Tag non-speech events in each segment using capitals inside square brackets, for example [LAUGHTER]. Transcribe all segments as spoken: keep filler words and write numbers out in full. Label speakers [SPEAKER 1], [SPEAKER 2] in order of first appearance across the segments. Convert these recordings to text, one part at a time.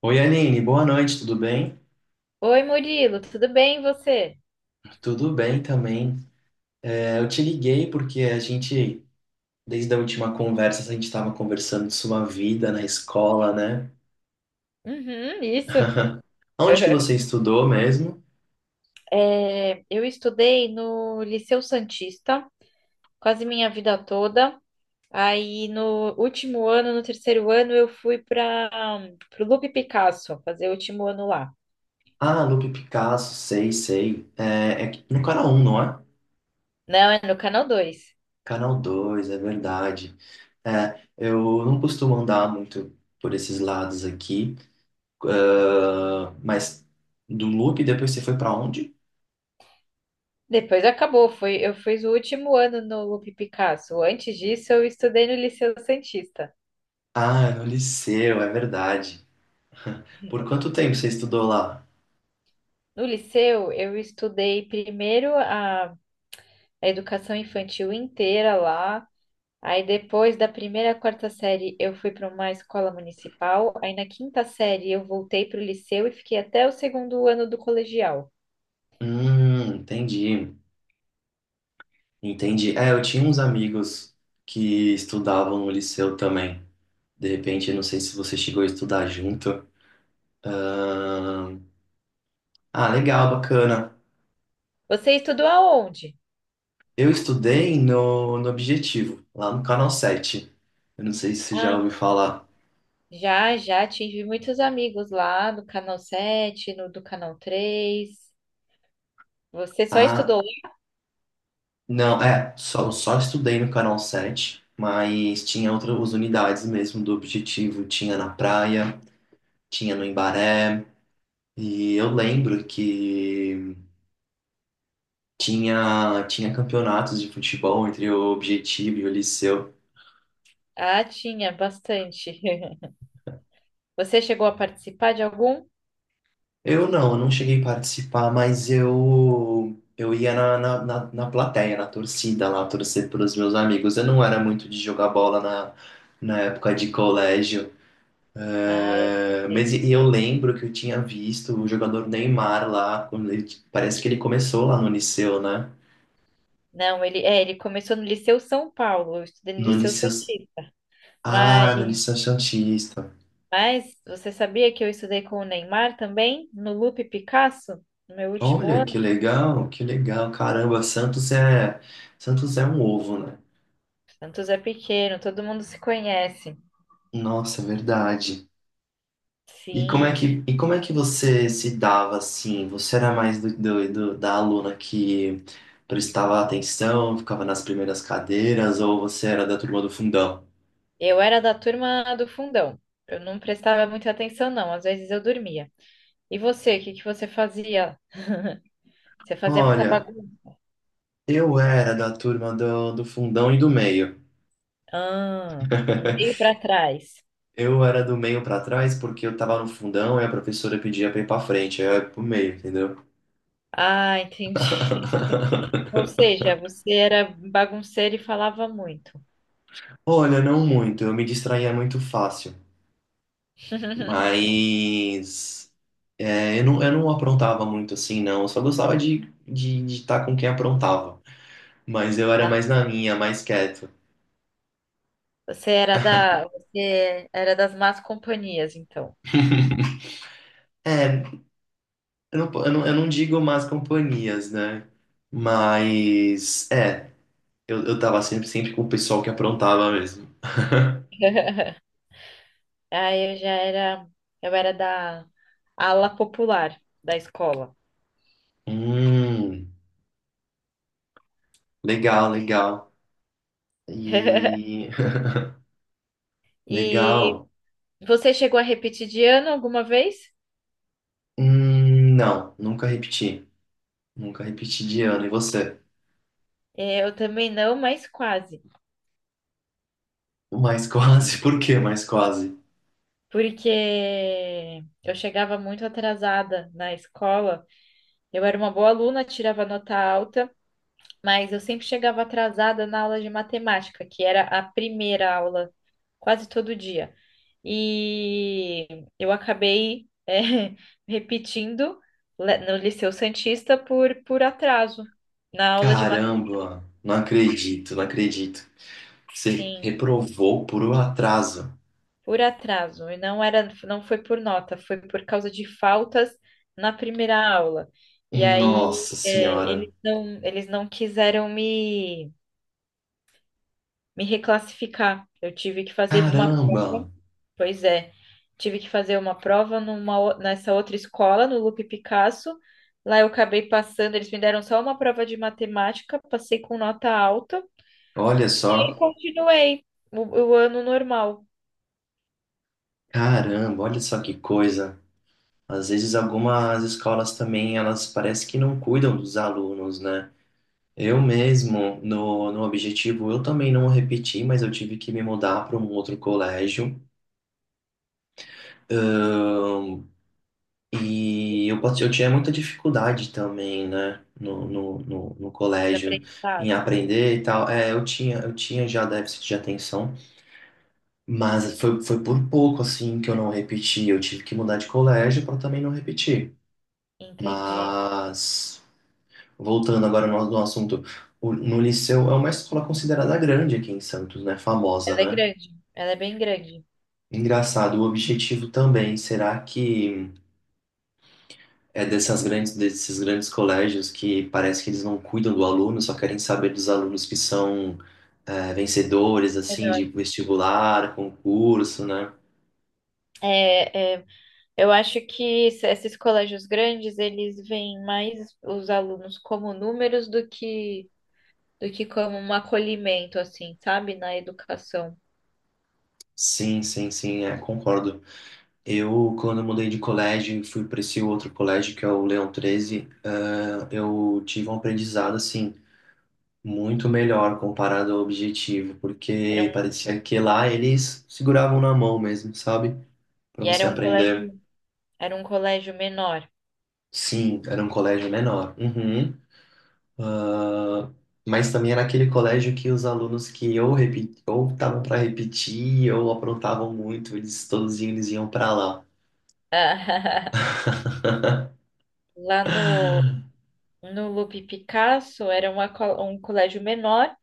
[SPEAKER 1] Oi, Aline, boa noite, tudo bem?
[SPEAKER 2] Oi, Murilo, tudo bem e você?
[SPEAKER 1] Tudo bem também. É, eu te liguei porque a gente, desde a última conversa, a gente estava conversando de sua vida na escola, né?
[SPEAKER 2] Uhum, isso.
[SPEAKER 1] [LAUGHS] Onde que
[SPEAKER 2] [LAUGHS]
[SPEAKER 1] você estudou mesmo?
[SPEAKER 2] É, eu estudei no Liceu Santista quase minha vida toda. Aí no último ano, no terceiro ano, eu fui para o Lupe Picasso fazer o último ano lá.
[SPEAKER 1] Ah, Lupe Picasso, sei, sei. É, é no canal um, não é?
[SPEAKER 2] Não, é no Canal Dois.
[SPEAKER 1] Canal dois, é verdade. É, eu não costumo andar muito por esses lados aqui, ah, mas do Lupe depois você foi para onde?
[SPEAKER 2] Depois acabou, foi, eu fiz o último ano no Lupe Picasso. Antes disso, eu estudei no Liceu Santista.
[SPEAKER 1] Ah, é no liceu, é verdade. Por quanto tempo você estudou lá?
[SPEAKER 2] No liceu, eu estudei primeiro a a educação infantil inteira lá. Aí depois da primeira à quarta série eu fui para uma escola municipal, aí na quinta série eu voltei para o liceu e fiquei até o segundo ano do colegial.
[SPEAKER 1] Hum, entendi. Entendi. É, eu tinha uns amigos que estudavam no liceu também. De repente, eu não sei se você chegou a estudar junto. Ahn, Ah, legal, bacana.
[SPEAKER 2] Você estudou aonde?
[SPEAKER 1] Eu estudei no, no Objetivo, lá no Canal Sete. Eu não sei se você já
[SPEAKER 2] Ah,
[SPEAKER 1] ouviu falar.
[SPEAKER 2] já, já tive muitos amigos lá no Canal Sete, no do Canal Três. Você só
[SPEAKER 1] Ah,
[SPEAKER 2] estudou?
[SPEAKER 1] não, é, só, só estudei no Canal Sete, mas tinha outras unidades mesmo do Objetivo. Tinha na praia, tinha no Embaré. E eu lembro que tinha, tinha campeonatos de futebol entre o Objetivo e o Liceu.
[SPEAKER 2] Ah, tinha bastante. [LAUGHS] Você chegou a participar de algum?
[SPEAKER 1] Eu não, eu não cheguei a participar, mas eu, eu ia na, na, na, na plateia, na torcida lá, torcer pelos meus amigos. Eu não era muito de jogar bola na, na época de colégio.
[SPEAKER 2] Ah, eu
[SPEAKER 1] É,
[SPEAKER 2] também.
[SPEAKER 1] mas e e eu lembro que eu tinha visto o jogador Neymar lá, quando ele- parece que ele começou lá no Liceu, né?
[SPEAKER 2] Não, ele, é, ele começou no Liceu São Paulo, eu estudei no
[SPEAKER 1] No
[SPEAKER 2] Liceu
[SPEAKER 1] Liceu.
[SPEAKER 2] Santista. Mas
[SPEAKER 1] Ah, no Liceu Santista.
[SPEAKER 2] Mas você sabia que eu estudei com o Neymar também, no Lupe Picasso, no meu último
[SPEAKER 1] Olha, que
[SPEAKER 2] ano?
[SPEAKER 1] legal, que legal. Caramba, Santos é Santos é um ovo, né?
[SPEAKER 2] Santos é pequeno, todo mundo se conhece.
[SPEAKER 1] Nossa, é verdade. E como é
[SPEAKER 2] Sim,
[SPEAKER 1] que, e como é que você se dava assim? Você era mais do, do- do- da aluna que prestava atenção, ficava nas primeiras cadeiras, ou você era da turma do fundão?
[SPEAKER 2] eu era da turma do fundão. Eu não prestava muita atenção, não. Às vezes eu dormia. E você, o que que você fazia? Você fazia muita
[SPEAKER 1] Olha,
[SPEAKER 2] bagunça?
[SPEAKER 1] eu era da turma do, do fundão e do meio.
[SPEAKER 2] Ah, meio para trás.
[SPEAKER 1] Eu era do meio pra trás porque eu tava no fundão e a professora pedia pra ir pra frente, aí eu ia pro meio, entendeu?
[SPEAKER 2] Ah, entendi. [LAUGHS] Ou seja, você era bagunceiro e falava muito.
[SPEAKER 1] Olha, não muito, eu me distraía muito fácil.
[SPEAKER 2] [LAUGHS]
[SPEAKER 1] Mas é, eu não, eu não aprontava muito assim, não. Eu só gostava de de estar com quem aprontava. Mas eu era
[SPEAKER 2] Ah,
[SPEAKER 1] mais na minha, mais quieto.
[SPEAKER 2] você era da, você era das más companhias, então.
[SPEAKER 1] É, eu não, po- eu não, eu não digo más companhias, né? Mas é, eu, eu tava sempre, sempre com o pessoal que aprontava mesmo.
[SPEAKER 2] Aí eu já era, eu era da ala popular da escola.
[SPEAKER 1] Hum, legal, legal.
[SPEAKER 2] [LAUGHS]
[SPEAKER 1] E [LAUGHS]
[SPEAKER 2] E
[SPEAKER 1] legal.
[SPEAKER 2] você chegou a repetir de ano alguma vez?
[SPEAKER 1] Hum, não, nunca repeti. Nunca repeti de ano. E você?
[SPEAKER 2] É, eu também não, mas quase.
[SPEAKER 1] Mas quase, [LAUGHS] por quê? Mas quase.
[SPEAKER 2] Porque eu chegava muito atrasada na escola. Eu era uma boa aluna, tirava nota alta. Mas eu sempre chegava atrasada na aula de matemática, que era a primeira aula, quase todo dia. E eu acabei, eh, [LAUGHS] repetindo le- no Liceu Santista por, por atraso, na aula de matemática,
[SPEAKER 1] Caramba, não acredito, não acredito. Você
[SPEAKER 2] sim,
[SPEAKER 1] reprovou por um atraso.
[SPEAKER 2] por atraso. E não era, não foi por nota, foi por causa de faltas na primeira aula. E aí,
[SPEAKER 1] Nossa
[SPEAKER 2] eh,
[SPEAKER 1] senhora.
[SPEAKER 2] eles não, eles não quiseram me, me reclassificar. Eu tive que fazer uma
[SPEAKER 1] Caramba,
[SPEAKER 2] prova. Pois é, tive que fazer uma prova numa, o- nessa outra escola, no Lupe Picasso. Lá eu acabei passando, eles me deram só uma prova de matemática, passei com nota alta
[SPEAKER 1] olha
[SPEAKER 2] e
[SPEAKER 1] só.
[SPEAKER 2] continuei o, o ano normal
[SPEAKER 1] Caramba, olha só que coisa. Às vezes algumas escolas também, elas parece que não cuidam dos alunos, né? Eu mesmo, no, no objetivo, eu também não repeti, mas eu tive que me mudar para um outro colégio. E eu, pat- eu tinha muita dificuldade também, né, no, no, no, no
[SPEAKER 2] de
[SPEAKER 1] colégio, em
[SPEAKER 2] aprendizado.
[SPEAKER 1] aprender e tal. É, eu tinha, eu tinha já déficit de atenção, mas foi, foi por pouco, assim, que eu não repeti. Eu tive que mudar de colégio para também não repetir.
[SPEAKER 2] Entendi.
[SPEAKER 1] Mas, voltando agora no, no assunto, o- no Liceu é uma escola considerada grande aqui em Santos, né, famosa,
[SPEAKER 2] Ela é
[SPEAKER 1] né?
[SPEAKER 2] grande, ela é bem grande.
[SPEAKER 1] Engraçado, o objetivo também, será que. É dessas grandes, desses grandes colégios que parece que eles não cuidam do aluno, só querem saber dos alunos que são é, vencedores, assim,
[SPEAKER 2] Melhor.
[SPEAKER 1] de vestibular, concurso, né?
[SPEAKER 2] É, é, eu acho que es- esses colégios grandes, eles veem mais os alunos como números do que, do que como um acolhimento, assim, sabe? Na educação.
[SPEAKER 1] Sim, sim, sim, é, concordo. Eu, quando mudei de colégio e fui para esse outro colégio, que é o Leão Treze é, eu tive um aprendizado, assim, muito melhor comparado ao objetivo, porque parecia que lá eles seguravam na mão mesmo, sabe? Para
[SPEAKER 2] E
[SPEAKER 1] você
[SPEAKER 2] era um
[SPEAKER 1] aprender.
[SPEAKER 2] colégio, era um colégio menor.
[SPEAKER 1] Sim, era um colégio menor. Uhum. Ah, mas também era aquele colégio que os alunos que ou repi- ou estavam para repetir ou aprontavam muito, eles todos iam- eles iam para lá.
[SPEAKER 2] [LAUGHS] Lá no, no Lupe Picasso era uma, co- um colégio menor,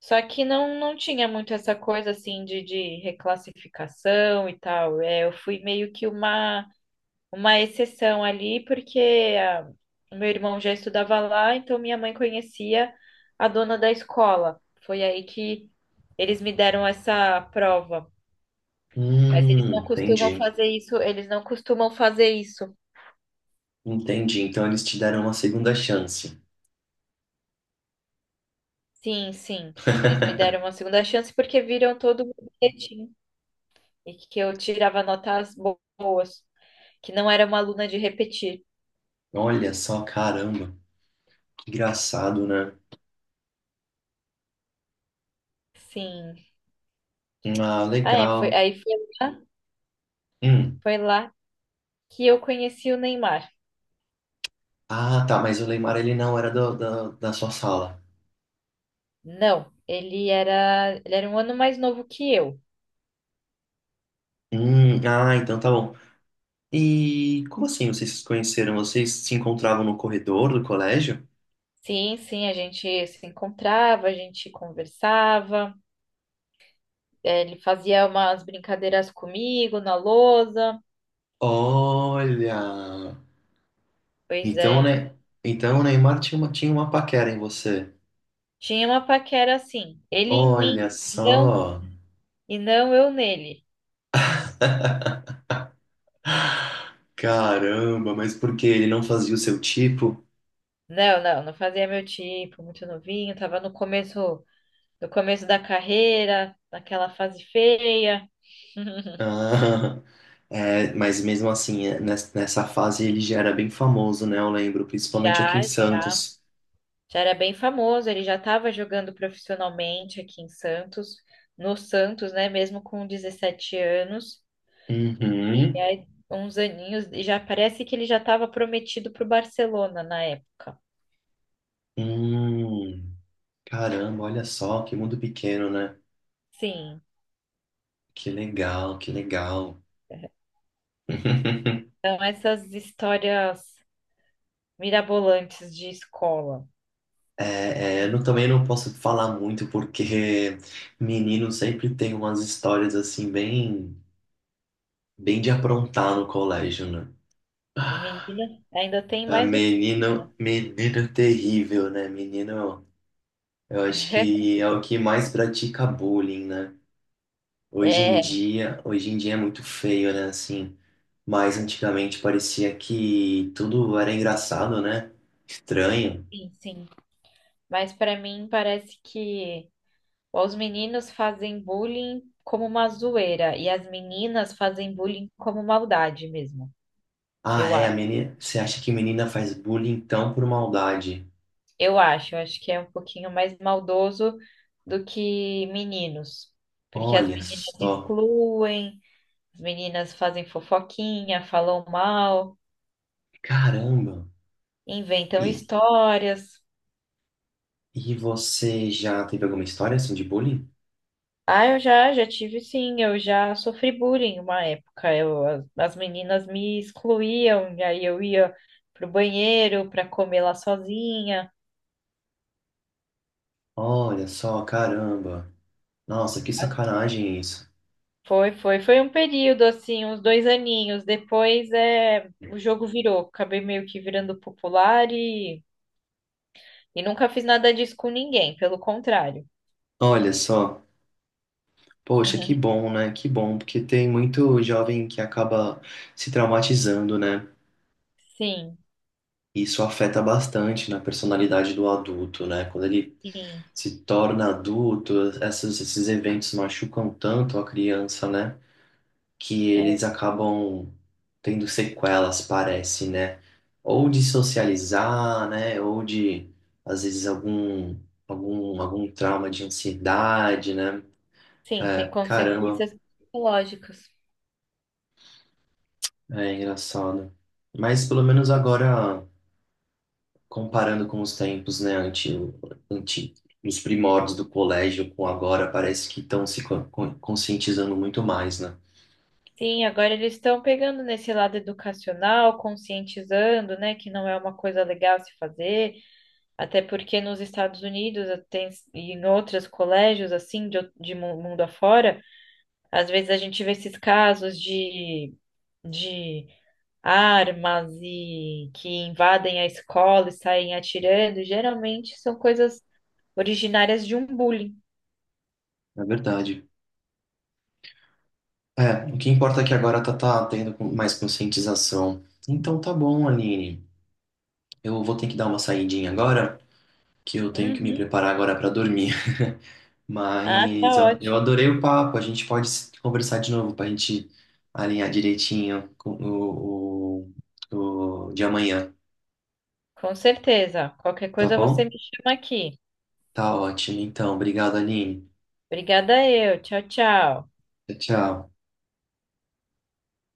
[SPEAKER 2] só que não, não tinha muito essa coisa assim de, de reclassificação e tal. É, eu fui meio que uma, uma exceção ali, porque ah, o meu irmão já estudava lá, então minha mãe conhecia a dona da escola. Foi aí que eles me deram essa prova. Mas eles
[SPEAKER 1] Hum,
[SPEAKER 2] não costumam
[SPEAKER 1] entendi.
[SPEAKER 2] fazer isso, eles não costumam fazer isso.
[SPEAKER 1] Entendi. Então eles te deram uma segunda chance.
[SPEAKER 2] Sim, sim. Eles me deram uma segunda chance porque viram todo o meu bilhetinho e que eu tirava notas bo- boas, que não era uma aluna de repetir.
[SPEAKER 1] Olha só, caramba. Que engraçado, né?
[SPEAKER 2] Sim.
[SPEAKER 1] Ah,
[SPEAKER 2] Ah, é, foi,
[SPEAKER 1] legal.
[SPEAKER 2] aí foi lá,
[SPEAKER 1] Hum.
[SPEAKER 2] foi lá que eu conheci o Neymar.
[SPEAKER 1] Ah, tá, mas o Leymar ele não era do- da da sua sala.
[SPEAKER 2] Não, ele era, ele era um ano mais novo que eu.
[SPEAKER 1] Hum, ah, então tá bom. E como assim vocês se conheceram? Vocês se encontravam no corredor do colégio?
[SPEAKER 2] Sim, sim, a gente se encontrava, a gente conversava, eh, ele fazia umas brincadeiras comigo na lousa.
[SPEAKER 1] Olha,
[SPEAKER 2] Pois
[SPEAKER 1] então,
[SPEAKER 2] é,
[SPEAKER 1] né? Então o Neymar tinha uma, tinha uma paquera em você.
[SPEAKER 2] tinha uma paquera assim. Ele em mim
[SPEAKER 1] Olha
[SPEAKER 2] não.
[SPEAKER 1] só,
[SPEAKER 2] E não eu nele.
[SPEAKER 1] caramba, mas por que ele não fazia o seu tipo?
[SPEAKER 2] Não, não, não fazia meu tipo, muito novinho, tava no começo, no começo da carreira, naquela fase feia. [LAUGHS]
[SPEAKER 1] [LAUGHS] Ah, é, mas mesmo assim, é, nes- nessa fase ele já era bem famoso, né? Eu lembro, principalmente aqui em
[SPEAKER 2] Já, já.
[SPEAKER 1] Santos.
[SPEAKER 2] Já era bem famoso, ele já estava jogando profissionalmente aqui em Santos, no Santos, né, mesmo com dezessete anos, e
[SPEAKER 1] Uhum.
[SPEAKER 2] aí, uns aninhos, e já parece que ele já estava prometido para o Barcelona na época.
[SPEAKER 1] Hum, caramba, olha só, que mundo pequeno, né?
[SPEAKER 2] Sim,
[SPEAKER 1] Que legal, que legal. [LAUGHS]
[SPEAKER 2] então essas histórias mirabolantes de escola.
[SPEAKER 1] É, é, eu não- também não posso falar muito porque menino sempre tem umas histórias assim bem, bem de aprontar no colégio, né? Ah,
[SPEAKER 2] Menina, ainda tem mais do que menina.
[SPEAKER 1] Menino, menino terrível, né? Menino, eu acho
[SPEAKER 2] [LAUGHS]
[SPEAKER 1] que é o que mais pratica bullying, né? Hoje em
[SPEAKER 2] É,
[SPEAKER 1] dia, hoje em dia é muito feio, né? Assim, mas antigamente parecia que tudo era engraçado, né? Estranho.
[SPEAKER 2] sim, sim. Mas pra mim parece que os meninos fazem bullying como uma zoeira e as meninas fazem bullying como maldade mesmo.
[SPEAKER 1] Ah,
[SPEAKER 2] Eu
[SPEAKER 1] é, a
[SPEAKER 2] acho.
[SPEAKER 1] menina, você acha que menina faz bullying então por maldade?
[SPEAKER 2] Eu acho, eu acho que é um pouquinho mais maldoso do que meninos, porque as
[SPEAKER 1] Olha
[SPEAKER 2] meninas
[SPEAKER 1] só,
[SPEAKER 2] excluem, as meninas fazem fofoquinha, falam mal,
[SPEAKER 1] caramba.
[SPEAKER 2] inventam
[SPEAKER 1] E,
[SPEAKER 2] histórias.
[SPEAKER 1] e você já teve alguma história assim de bullying?
[SPEAKER 2] Ah, eu já, já tive sim, eu já sofri bullying uma época. Eu, as, as meninas me excluíam, e aí eu ia pro banheiro para comer lá sozinha.
[SPEAKER 1] Olha só, caramba. Nossa, que
[SPEAKER 2] As-
[SPEAKER 1] sacanagem isso.
[SPEAKER 2] Foi, foi, foi um período assim, uns dois aninhos. Depois é, o jogo virou, acabei meio que virando popular e, e nunca fiz nada disso com ninguém, pelo contrário.
[SPEAKER 1] Olha só, poxa, que bom, né? Que bom, porque tem muito jovem que acaba se traumatizando, né?
[SPEAKER 2] [LAUGHS] Sim,
[SPEAKER 1] Isso afeta bastante na personalidade do adulto, né? Quando ele
[SPEAKER 2] sim,
[SPEAKER 1] se torna adulto, essas, esses eventos machucam tanto a criança, né? que
[SPEAKER 2] é,
[SPEAKER 1] eles acabam tendo sequelas, parece, né? Ou de socializar, né? Ou de, às vezes, algum, algum, algum trauma de ansiedade, né?
[SPEAKER 2] sim, tem
[SPEAKER 1] É, caramba,
[SPEAKER 2] consequências psicológicas.
[SPEAKER 1] é engraçado. Mas pelo menos agora, comparando com os tempos, né? Antigo, antigo. Os primórdios do colégio com agora parece que estão se co- co- conscientizando muito mais, né?
[SPEAKER 2] Sim, agora eles estão pegando nesse lado educacional, conscientizando, né, que não é uma coisa legal se fazer, até porque nos Estados Unidos eh, tem, e em outros colégios, assim, de, ou- de mu- mundo afora, às vezes a gente vê esses casos de, de armas e que invadem a escola e saem atirando, e geralmente são coisas originárias de um bullying.
[SPEAKER 1] É verdade. É, o que importa é que agora tá, tá tendo com- mais conscientização. Então tá bom, Aline. Eu vou ter que dar uma saidinha agora, que eu tenho que me
[SPEAKER 2] Uhum.
[SPEAKER 1] preparar agora pra dormir. [LAUGHS]
[SPEAKER 2] Ah, tá
[SPEAKER 1] Mas ó, eu
[SPEAKER 2] ótimo.
[SPEAKER 1] adorei o papo. A gente pode se- conversar de novo pra gente alinhar direitinho com o, o, o de amanhã,
[SPEAKER 2] Com certeza. Qualquer
[SPEAKER 1] tá
[SPEAKER 2] coisa você
[SPEAKER 1] bom?
[SPEAKER 2] me chama aqui.
[SPEAKER 1] Tá ótimo. Então, obrigado, Aline.
[SPEAKER 2] Obrigada eu. Tchau, tchau.
[SPEAKER 1] Tchau, tchau.